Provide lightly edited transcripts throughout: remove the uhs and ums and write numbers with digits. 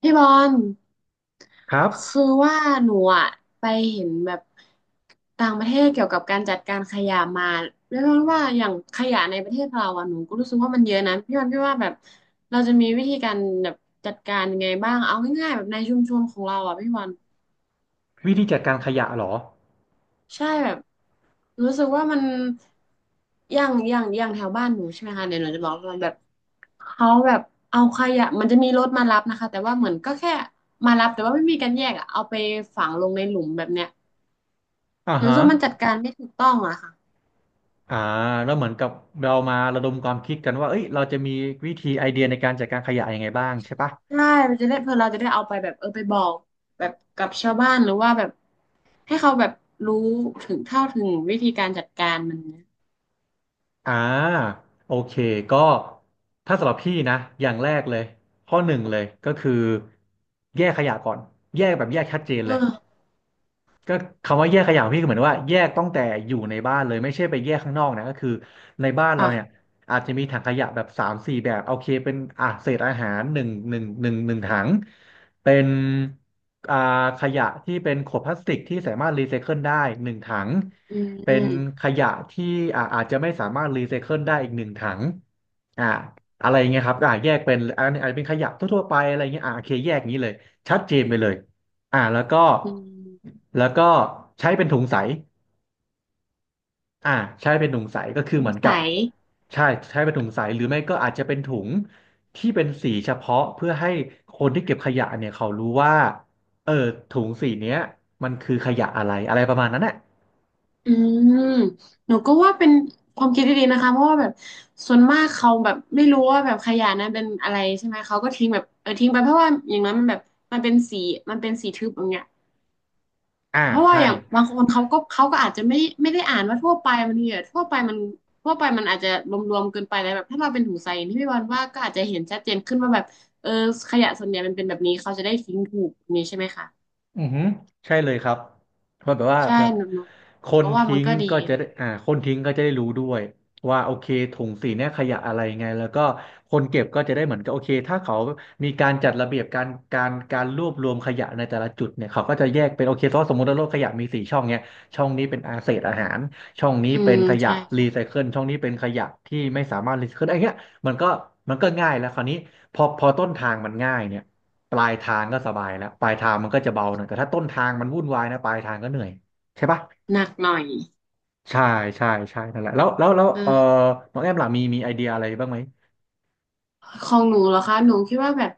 พี่บอลครับคือว่าหนูอะไปเห็นแบบต่างประเทศเกี่ยวกับการจัดการขยะมาเรียกว่าอย่างขยะในประเทศเราอะหนูก็รู้สึกว่ามันเยอะนะพี่บอลพี่ว่าแบบเราจะมีวิธีการแบบจัดการยังไงบ้างเอาง่ายๆแบบในชุมชนของเราอะพี่บอล วิธีจัดการขยะเหรอใช่แบบรู้สึกว่ามันอย่างแถวบ้านหนูใช่ไหมคะเดี๋ยวหนูจะบอกว่าแบบเขาแบบเอาขยะมันจะมีรถมารับนะคะแต่ว่าเหมือนก็แค่มารับแต่ว่าไม่มีการแยกอะเอาไปฝังลงในหลุมแบบเนี้ยอ่าหนูรู้ฮะสึกว่ามันจัดการไม่ถูกต้องอะค่ะอ่าแล้วเหมือนกับเรามาระดมความคิดกันว่าเอ้ยเราจะมีวิธีไอเดียในการจัดการขยะยังไงบ้างใช่ปะใช่มันจะได้เพื่อเราจะได้เอาไปแบบไปบอกแบบกับชาวบ้านหรือว่าแบบให้เขาแบบรู้ถึงวิธีการจัดการมันนะอ่าโอเคก็ถ้าสำหรับพี่นะอย่างแรกเลยข้อหนึ่งเลยก็คือแยกขยะก่อนแยกแบบแยกชัดเจนเลย เออก็คำว่าแยกขยะของพี่คือเหมือนว่าแยกตั้งแต่อยู่ในบ้านเลยไม่ใช่ไปแยกข้างนอกนะก็คือในบ้านอ่ะเราเนี่ยอาจจะมีถังขยะแบบสามสี่แบบโอเคเป็นเศษอาหารหนึ่งถังเป็นอ่าขยะที่เป็นขวดพลาสติกที่สามารถรีไซเคิลได้หนึ่งถังอืเป็นมขยะที่อาจจะไม่สามารถรีไซเคิลได้อีกหนึ่งถังอ่าอะไรอย่างเงี้ยครับแยกเป็นอันนี้อาจจะเป็นขยะทั่วๆไปอะไรเงี้ยโอเคแยกอย่างนี้เลยชัดเจนไปเลย แล้วก็อืมแล้วก็ใช้เป็นถุงใสอ่าใช้เป็นถุงใสก็คือสเหงมือนกัสับย ใช่ใช้เป็นถุงใสหรือไม่ก็อาจจะเป็นถุงที่เป็นสีเฉพาะเพื่อให้คนที่เก็บขยะเนี่ยเขารู้ว่าเออถุงสีเนี้ยมันคือขยะอะไรอะไรประมาณนั้นแหละอืมหนูก็ว่าเป็นความคิดที่ดีนะคะเพราะว่าแบบส่วนมากเขาแบบไม่รู้ว่าแบบขยะนั้นเป็นอะไรใช่ไหมเขาก็ทิ้งแบบทิ้งไปเพราะว่าอย่างนั้นมันแบบมันเป็นสีมันเป็นสีทึบอย่างเงี้ยอ่าเพราะว่าใช่ อย่างบางคนเขาก็อาจจะไม่ได้อ่านว่าทั่วไปมันอาจจะรวมๆเกินไปแล้วแบบถ้าเราเป็นถุงใสอย่างที่พี่วันว่าก็อาจจะเห็นชัดเจนขึ้นว่าแบบเออขยะส่วนใหญ่มันเป็นแบบนี้เขาจะได้ทิ้งถูกอย่างนี้ใช่ไหมคะอือหือใช่เลยครับเพราะแบบว่าใช่แบบคหนูนก็ว่ามัทิ้นงก็ดีก็จะได้คนทิ้งก็จะได้รู้ด้วยว่าโอเคถุงสีเนี่ยขยะอะไรไงแล้วก็คนเก็บก็จะได้เหมือนกับโอเคถ้าเขามีการจัดระเบียบการรวบรวมขยะในแต่ละจุดเนี่ยเขาก็จะแยกเป็นโอเคเพราะสมมติว่าโลกขยะมีสี่ช่องเนี่ยช่องนี้เป็นอาเศษอาหารช่องนี้อืเป็นมขยะใช่รีใช่ไซเคิลช่องนี้เป็นขยะที่ไม่สามารถรีไซเคิลไอ้เงี้ยมันก็มันก็ง่ายแล้วคราวนี้พอต้นทางมันง่ายเนี่ย ปลายทางก็สบายแล้วปลายทางมันก็จะเบาหน่อยแต่ถ้าต้นทางมันวุ่นวายนะปลายทางก็เหนื่อยใช่ปะหนักหน่อย ใช่ใช่ใช่นั่นแหละแล้วเออเออน้องแอมล่ะมีไอเดียอะไรบ้างไหมของหนูเหรอคะหนูคิดว่าแบบ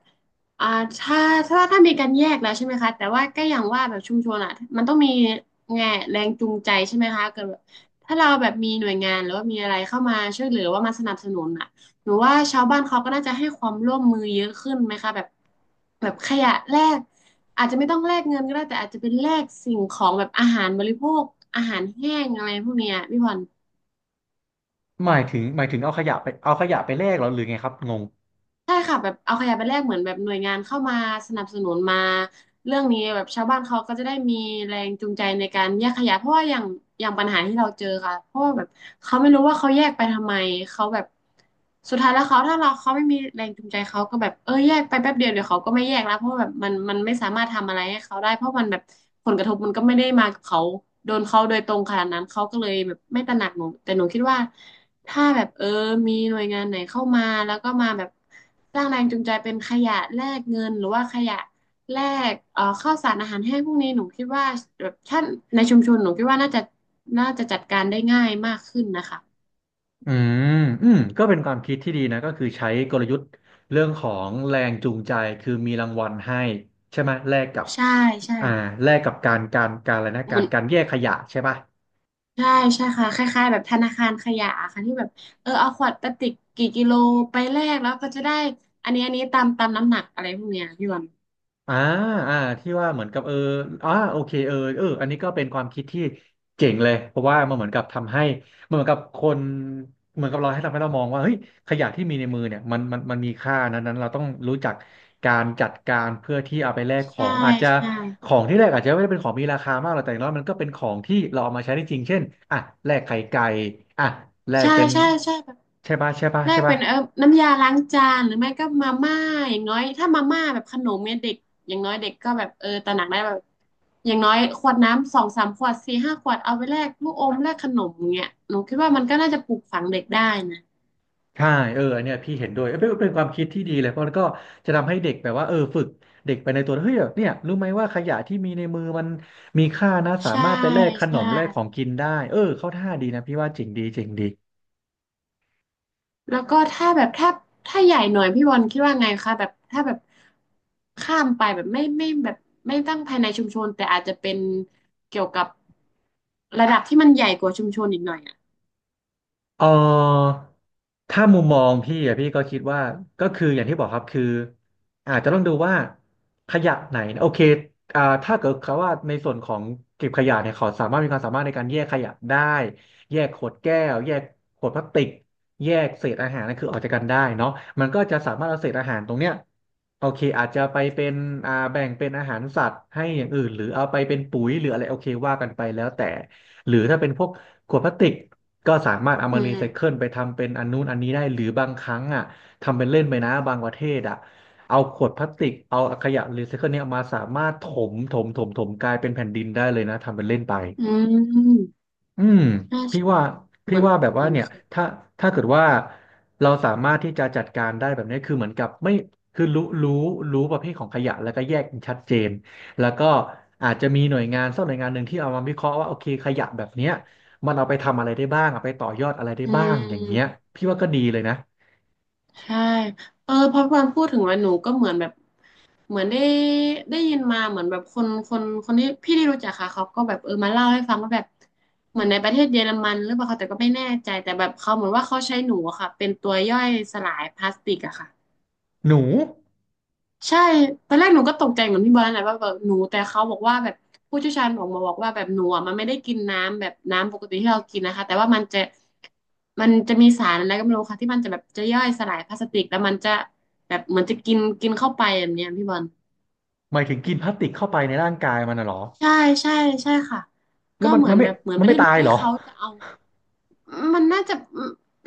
อ่าถ้ามีการแยกแล้วใช่ไหมคะแต่ว่าก็อย่างว่าแบบชุมชนอ่ะมันต้องมีแง่แรงจูงใจใช่ไหมคะเกิดแบบถ้าเราแบบมีหน่วยงานหรือว่ามีอะไรเข้ามาช่วยเหลือว่ามาสนับสนุนอ่ะหนูว่าชาวบ้านเขาก็น่าจะให้ความร่วมมือเยอะขึ้นไหมคะแบบขยะแลกอาจจะไม่ต้องแลกเงินก็ได้แต่อาจจะเป็นแลกสิ่งของแบบอาหารบริโภคอาหารแห้งอะไรพวกเนี้ยพี่พร หมายถึงเอาขยะไปแลกเหรอหรือไงครับงงใช่ค่ะแบบเอาขยะไปแลกเหมือนแบบหน่วยงานเข้ามาสนับสนุนมาเรื่องนี้แบบชาวบ้านเขาก็จะได้มีแรงจูงใจในการแยกขยะเพราะว่าอย่างปัญหาที่เราเจอค่ะเพราะว่าแบบเขาไม่รู้ว่าเขาแยกไปทำไมเขาแบบสุดท้ายแล้วเขาไม่มีแรงจูงใจเขาก็แบบแยกไปแป๊บเดียวเดี๋ยวเขาก็ไม่แยกแล้วเพราะว่าแบบมันไม่สามารถทำอะไรให้เขาได้เพราะมันแบบผลกระทบมันก็ไม่ได้มากับเขาโดนเขาโดยตรงขนาดนั้นเขาก็เลยแบบไม่ตระหนักหนูแต่หนูคิดว่า ถ้าแบบมีหน่วยงานไหนเข้ามาแล้วก็มาแบบสร้างแรงจูงใจเป็นขยะแลกเงินหรือว่าขยะแลกข้าวสารอาหารแห้งพวกนี้หนูคิดว่าแบบท่านในชุมชนหนูคิดว่าน่าจะจัดการได้ง่ายมากขึ้นนะคะอืมก็เป็นความคิดที่ดีนะก็คือใช้กลยุทธ์เรื่องของแรงจูงใจคือมีรางวัลให้ใช่ไหมแลกกับใช่ใช่อ่าแลกกับการอะไรนะเหมือนการแยกขยะใช่ปะ ใช่ใช่ค่ะคล้ายๆแบบธนาคารขยะค่ะที่แบบเอาขวดพลาสติกกี่กิโลไปแลกแล้วก็จะได้อันนี้ตามน้ำหนักอะไรพวกเนี้ยพี่วันอ่าที่ว่าเหมือนกับเออโอเคอันนี้ก็เป็นความคิดที่เจ๋งเลยเพราะว่ามันเหมือนกับทำให้มันเหมือนกับคนเหมือนกับเราให้ทำให้เรามองว่าเฮ้ยขยะที่มีในมือเนี่ยมันมีค่านะนั้นเราต้องรู้จักการจัดการเพื่อที่เอาไปแลกขอใช่งอาจจะใช่ของที่แลกอาจจะไม่ได้เป็นของมีราคามากหรอกแต่อย่างน้อยมันก็เป็นของที่เราเอามาใช้ได้จริงเช่นอ่ะแลกไข่ไก่อ่ะแลกใช่เป็นใช่ใช่แบบ ได้ใช่เป็ปะ นน้ำยาล้างจานหรือไม่ก็มาม่าอย่างน้อยถ้ามาม่าแบบขนมเนี่ยเด็กอย่างน้อยเด็กก็แบบตระหนักได้แบบอย่างน้อยขวดน้ำสองสามขวดสี่ห้าขวดเอาไปแลกลูกอมแลกขนมอย่างเงี้ยหนูคิดว่ามันก็น่าจะปลูกฝังเด็กได้นะใช่เอออันเนี่ยพี่เห็นด้วยเอ้ยเป็นความคิดที่ดีเลย เพราะมันก็จะทำให้เด็กแบบว่าเออฝึกเด็กไปในตัวเฮ้ยเนี่ยรู้ไหมว่าขยะที่มีในมือมันมีค่านะ สาใช่มารถไปแลกขนใช่มแลกของกินได้เออเข้าท่าดีนะพี่ว่าจริงดีจริงดี แล้วก็ถ้าแบบถ้าถ้าใหญ่หน่อยพี่บอลคิดว่าไงคะแบบถ้าแบบข้ามไปแบบไม่ไม่แบบไม่ตั้งภายในชุมชนแต่อาจจะเป็นเกี่ยวกับระดับที่มันใหญ่กว่าชุมชนอีกหน่อยอ่ะเออถ้ามุมมองพี่อะพี่ก็คิดว่าก็คืออย่างที่บอกครับคืออาจจะต้องดูว่าขยะไหนนะโอเคถ้าเกิดเขาว่าในส่วนของเก็บขยะเนี่ยเขาสามารถมีความสามารถในการแยกขยะได้แยกขวดแก้วแยกขวดพลาสติกแยกเศษอาหารนั่นคือออกจากกันได้เนาะมันก็จะสามารถเอาเศษอาหารตรงเนี้ยโอเคอาจจะไปเป็นแบ่งเป็นอาหารสัตว์ให้อย่างอื่นหรือเอาไปเป็นปุ๋ยหรืออะไรโอเคว่ากันไปแล้วแต่หรือถ้าเป็นพวก ขวดพลาสติกก็สามารถเอาอืมารีม ไซเคิลไปทำเป็นอันนู้นอันนี้ได้หรือบางครั้งอ่ะทำเป็นเล่นไปนะบางประเทศอ่ะเอาขวดพลาสติกเอาขยะรีไซเคิลเนี่ยอมาสามารถถมกลายเป็นแผ่นดินได้เลยนะทำเป็นเล่นไป อืม อืมน่าพี่จะว่าเหพี่มือนว่าแบบเหว่ามือนเนี่ยเคยถ้าถ้าเกิดว่าเราสามารถที่จะจัดการได้แบบนี้คือเหมือนกับไม่คือรู้ประเภทของขยะแล้วก็แยกชัดเจนแล้วก็อาจจะมีหน่วยงานสักหน่วยงานหนึ่งที่เอามาวิเคราะห์ว่าโอเคขยะแบบเนี้ยมันเอาไปทำอะไรได้บ้างเอาไปต่อยอดอะไรได้อืบ้างอย่างเงี้ยมพี่ว่าก็ดีเลยนะใช่เออพอพูดถึงว่าหนูก็เหมือนแบบเหมือนได้ยินมาเหมือนแบบคนที่รู้จักค่ะเขาก็แบบมาเล่าให้ฟังว่าแบบ เหมือนในประเทศเยอรมันหรือเปล่าคะแต่ก็ไม่แน่ใจแต่แบบเขาเหมือนว่าเขาใช้หนูอะค่ะเป็นตัวย่อยสลายพลาสติกอะค่ะ หนูใช่ตอนแรกหนูก็ตกใจเหมือนพี่บอลนั่นแหละว่าแบบหนูแต่เขาบอกว่าแบบผู้เชี่ยวชาญบอกมาบอกว่าแบบหนูมันไม่ได้กินน้ำแบบน้ำปกติที่เรากินนะคะแต่ว่ามันจะมีสารอะไรก็ไม่รู้ค่ะที่มันจะแบบจะย่อยสลายพลาสติกแล้วมันจะแบบเหมือนจะกินกินเข้าไปแบบเนี้ยพี่บอลหมายถึงกินพลาสติกเข้าไปในร่างกายมันน่ะเหรอใช่ใช่ใช่ค่ะแล้วก็มันเหมือมันนไม่แบบเหมือนมัปนระเทไม่ศตานั้นยให้เหรอเขาจะเอา มันน่าจะ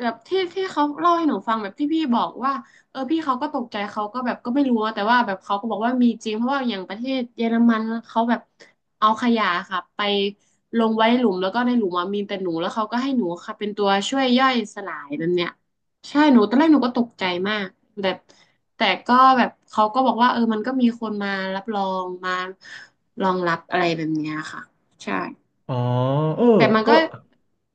แบบที่เขาเล่าให้หนูฟังแบบที่พี่บอกว่าเออพี่เขาก็ตกใจเขาก็แบบก็ไม่รู้แต่ว่าแบบเขาก็บอกว่ามีจริงเพราะว่าอย่างประเทศเยอรมันเขาแบบเอาขยะค่ะไปลงไว้นหลุมแล้วก็ในหลุมมีแต่หนูแล้วเขาก็ให้หนูค่ะเป็นตัวช่วยย่อยสลายนั่นเนี่ยใช่หนูตอนแรกหนูก็ตกใจมากแบบแต่ก็แบบเขาก็บอกว่าเออมันก็มีคนมารับรองมารองรับอะไรแบบเนี้ยค่ะใช่ อ๋อเออแต่มันก็ก็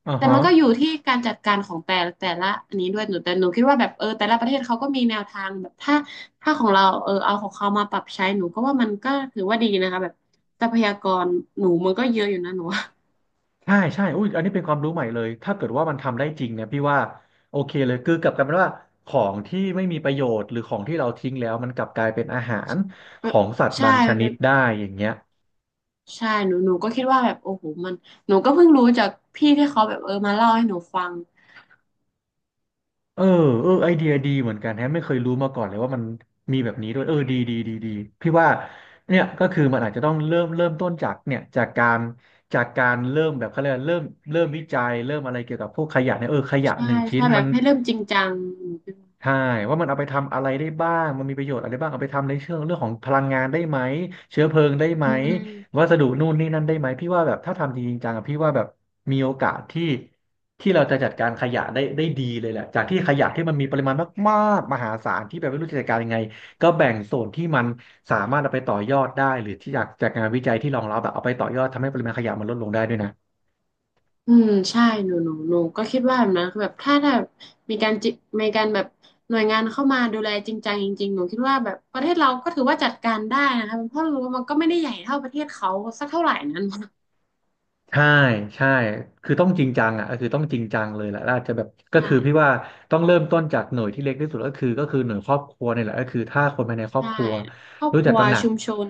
อ่าแต่ฮะ มันก็อยู่ที่การจัดการของแต่ละอันนี้ด้วยหนูแต่หนูคิดว่าแบบเออแต่ละประเทศเขาก็มีแนวทางแบบถ้าของเราเออเอาของเขามาปรับใช้หนูก็ว่ามันก็ถือว่าดีนะคะแบบทรัพยากรหนูมันก็เยอะอยู่นะหนูว่าใช่ใช่อุ้ยอันนี้เป็นความรู้ใหม่เลย ถ้าเกิดว่ามันทำได้จริงเนี่ยพี่ว่าโอเคเลยคือกลับกลายเป็นว่าของที่ไม่มีประโยชน์หรือของที่เราทิ้งแล้วมันกลับกลายเป็นอาหารแบขบองสัตว์ใช่บางชมันนิเป็ดนได้อย่างเงี้ยใช่หนูก็คิดว่าแบบโอ้โหมันหนูก็เพิ่งรู้จากพี่ที่เขาแบบเออมาเล่าให้หนูฟังเออเออไอเดียดีเหมือนกันแฮะไม่เคยรู้มาก่อนเลยว่ามันมีแบบนี้ด้วยเออดีดีดีดี พี่ว่าเนี่ยก็คือมันอาจจะต้องเริ่มต้นจากเนี่ยจากการจากการเริ่มแบบเขาเรียกว่าเริ่มวิจัยเริ่มอะไรเกี่ยวกับพวกขยะเนี่ยเออขยะหใช่นึ่งชิ้นใช่แบมัน บให้เริ่มจริงจังหนูคิดว่าใช่ว่ามันเอาไปทำอะไรได้บ้างมันมีประโยชน์อะไรบ้างเอาไปทำในเชิงเรื่องของพลังงานได้ไหมเชื้อเพลิงได้ไหมอืม วัสดุนู่นนี่นั่นได้ไหมพี่ว่าแบบถ้าทำจริงๆจังอะพี่ว่าแบบมีโอกาสที่ที่เราจะจัดการขยะได้ดีเลยแหละจากที่ขยะที่มันมีปริมาณมากๆมหาศาลที่แบบไม่รู้จะจัดการยังไงก็แบ่งโซนที่มันสามารถเอาไปต่อยอดได้หรือที่จากงานวิจัยที่รองรับแบบเอาไปต่อยอดทำให้ปริมาณขยะมันลดลงได้ด้วยนะ อืมใช่หนูก็คิดว่าแบบนั้นคือแบบถ้ามีการจิมีการแบบหน่วยงานเข้ามาดูแลจริงจังจริงๆหนูคิดว่าแบบประเทศเราก็ถือว่าจัดการได้นะคะเพราะรู้ว่ามันก็ไม่ได้ใหญ่เท่าประเทศเขาสักเท่าไหร่นั้นใช่ใช่คือต้องจริงจังอ่ะก็คือต้องจริงจังเลยแหละแล้วอาจจะแบบก็ใช่คือพี่ว่าต้องเริ่มต้นจากหน่วยที่เล็กที่สุดก็คือก็คือหน่วยครอบครัวเนี่ยแหละก็คือถ้าคนภายในครอบใช่ครัวครอบรู้คจักรัวตระหนักชุมชน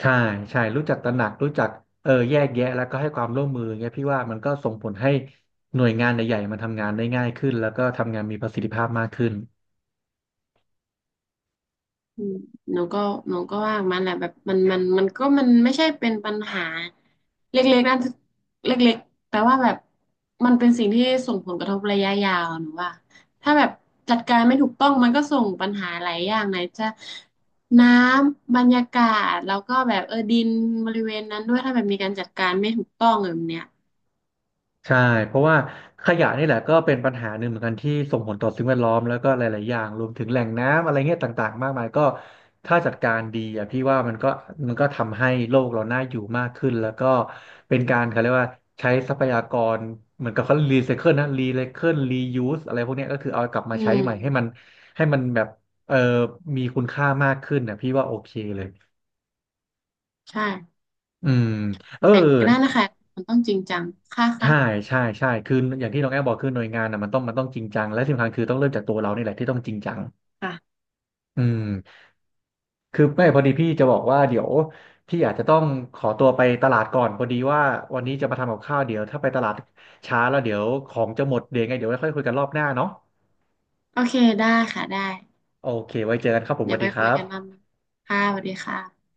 ใช่ใช่รู้จักตระหนักรู้จักเออแยกแยะแล้วก็ให้ความร่วมมือเงี้ยพี่ว่ามันก็ส่งผลให้หน่วยงานใหญ่ๆมันทำงานได้ง่ายขึ้นแล้วก็ทำงานมีประสิทธิภาพมากขึ้น อืมหนูก็หนูก็ว่ามันแหละแบบมันไม่ใช่เป็นปัญหาเล็กๆนั่นเล็กๆแต่ว่าแบบมันเป็นสิ่งที่ส่งผลกระทบระยะยาวหนูว่าถ้าแบบจัดการไม่ถูกต้องมันก็ส่งปัญหาหลายอย่างไหนจะน้ำบรรยากาศแล้วก็แบบเออดินบริเวณนั้นด้วยถ้าแบบมีการจัดการไม่ถูกต้องแบบเนี้ยใช่เพราะว่าขยะนี่แหละก็เป็นปัญหาหนึ่งเหมือนกันที่ส่งผลต่อสิ่งแวดล้อมแล้วก็หลายๆ อย่างรวมถึงแหล่งน้ำอะไรเงี้ยต่างๆ มากมายก็ถ้าจัดการดีอ่ะพี่ว่ามันก็ทำให้โลกเราน่าอยู่มากขึ้นแล้วก็เป็นการเขาเรียกว่าใช้ทรัพยากรเหมือนกับเขารีไซเคิลนะรีไซเคิลรียูสอะไรพวกเนี้ยก็คือเอากลับมาอืใช้มใหม่ให้มันให้มันแบบเออมีคุณค่ามากขึ้นนะพี่ว่าโอเคเลยใช่อืมเออ แต่ก็นั่นนะคะมันต้องจริงจังค่ะใช่ค่ะใช่คืออย่างที่น้องแอบบอกคือหน่วยงานอ่ะมันต้องจริงจังและที่สำคัญคือต้องเริ่มจากตัวเรานี่แหละที่ต้องจริงจังค่ะอืมคือไม่พอดีพี่จะบอกว่าเดี๋ยวพี่อาจจะต้องขอตัวไปตลาดก่อนพอดีว่าวันนี้จะมาทำกับข้าวเดี๋ยวถ้าไปตลาดช้าแล้วเดี๋ยวของจะหมดเดี๋ยวไงเดี๋ยวค่อยคุยกันรอบหน้าเนาะโอเคได้ค่ะได้ โอเคไว้เจอกันครับผมสเดี๋ยวัวสไปดีคคุรัยกันรอบบหนึงค่ะสวัสดีค่ะ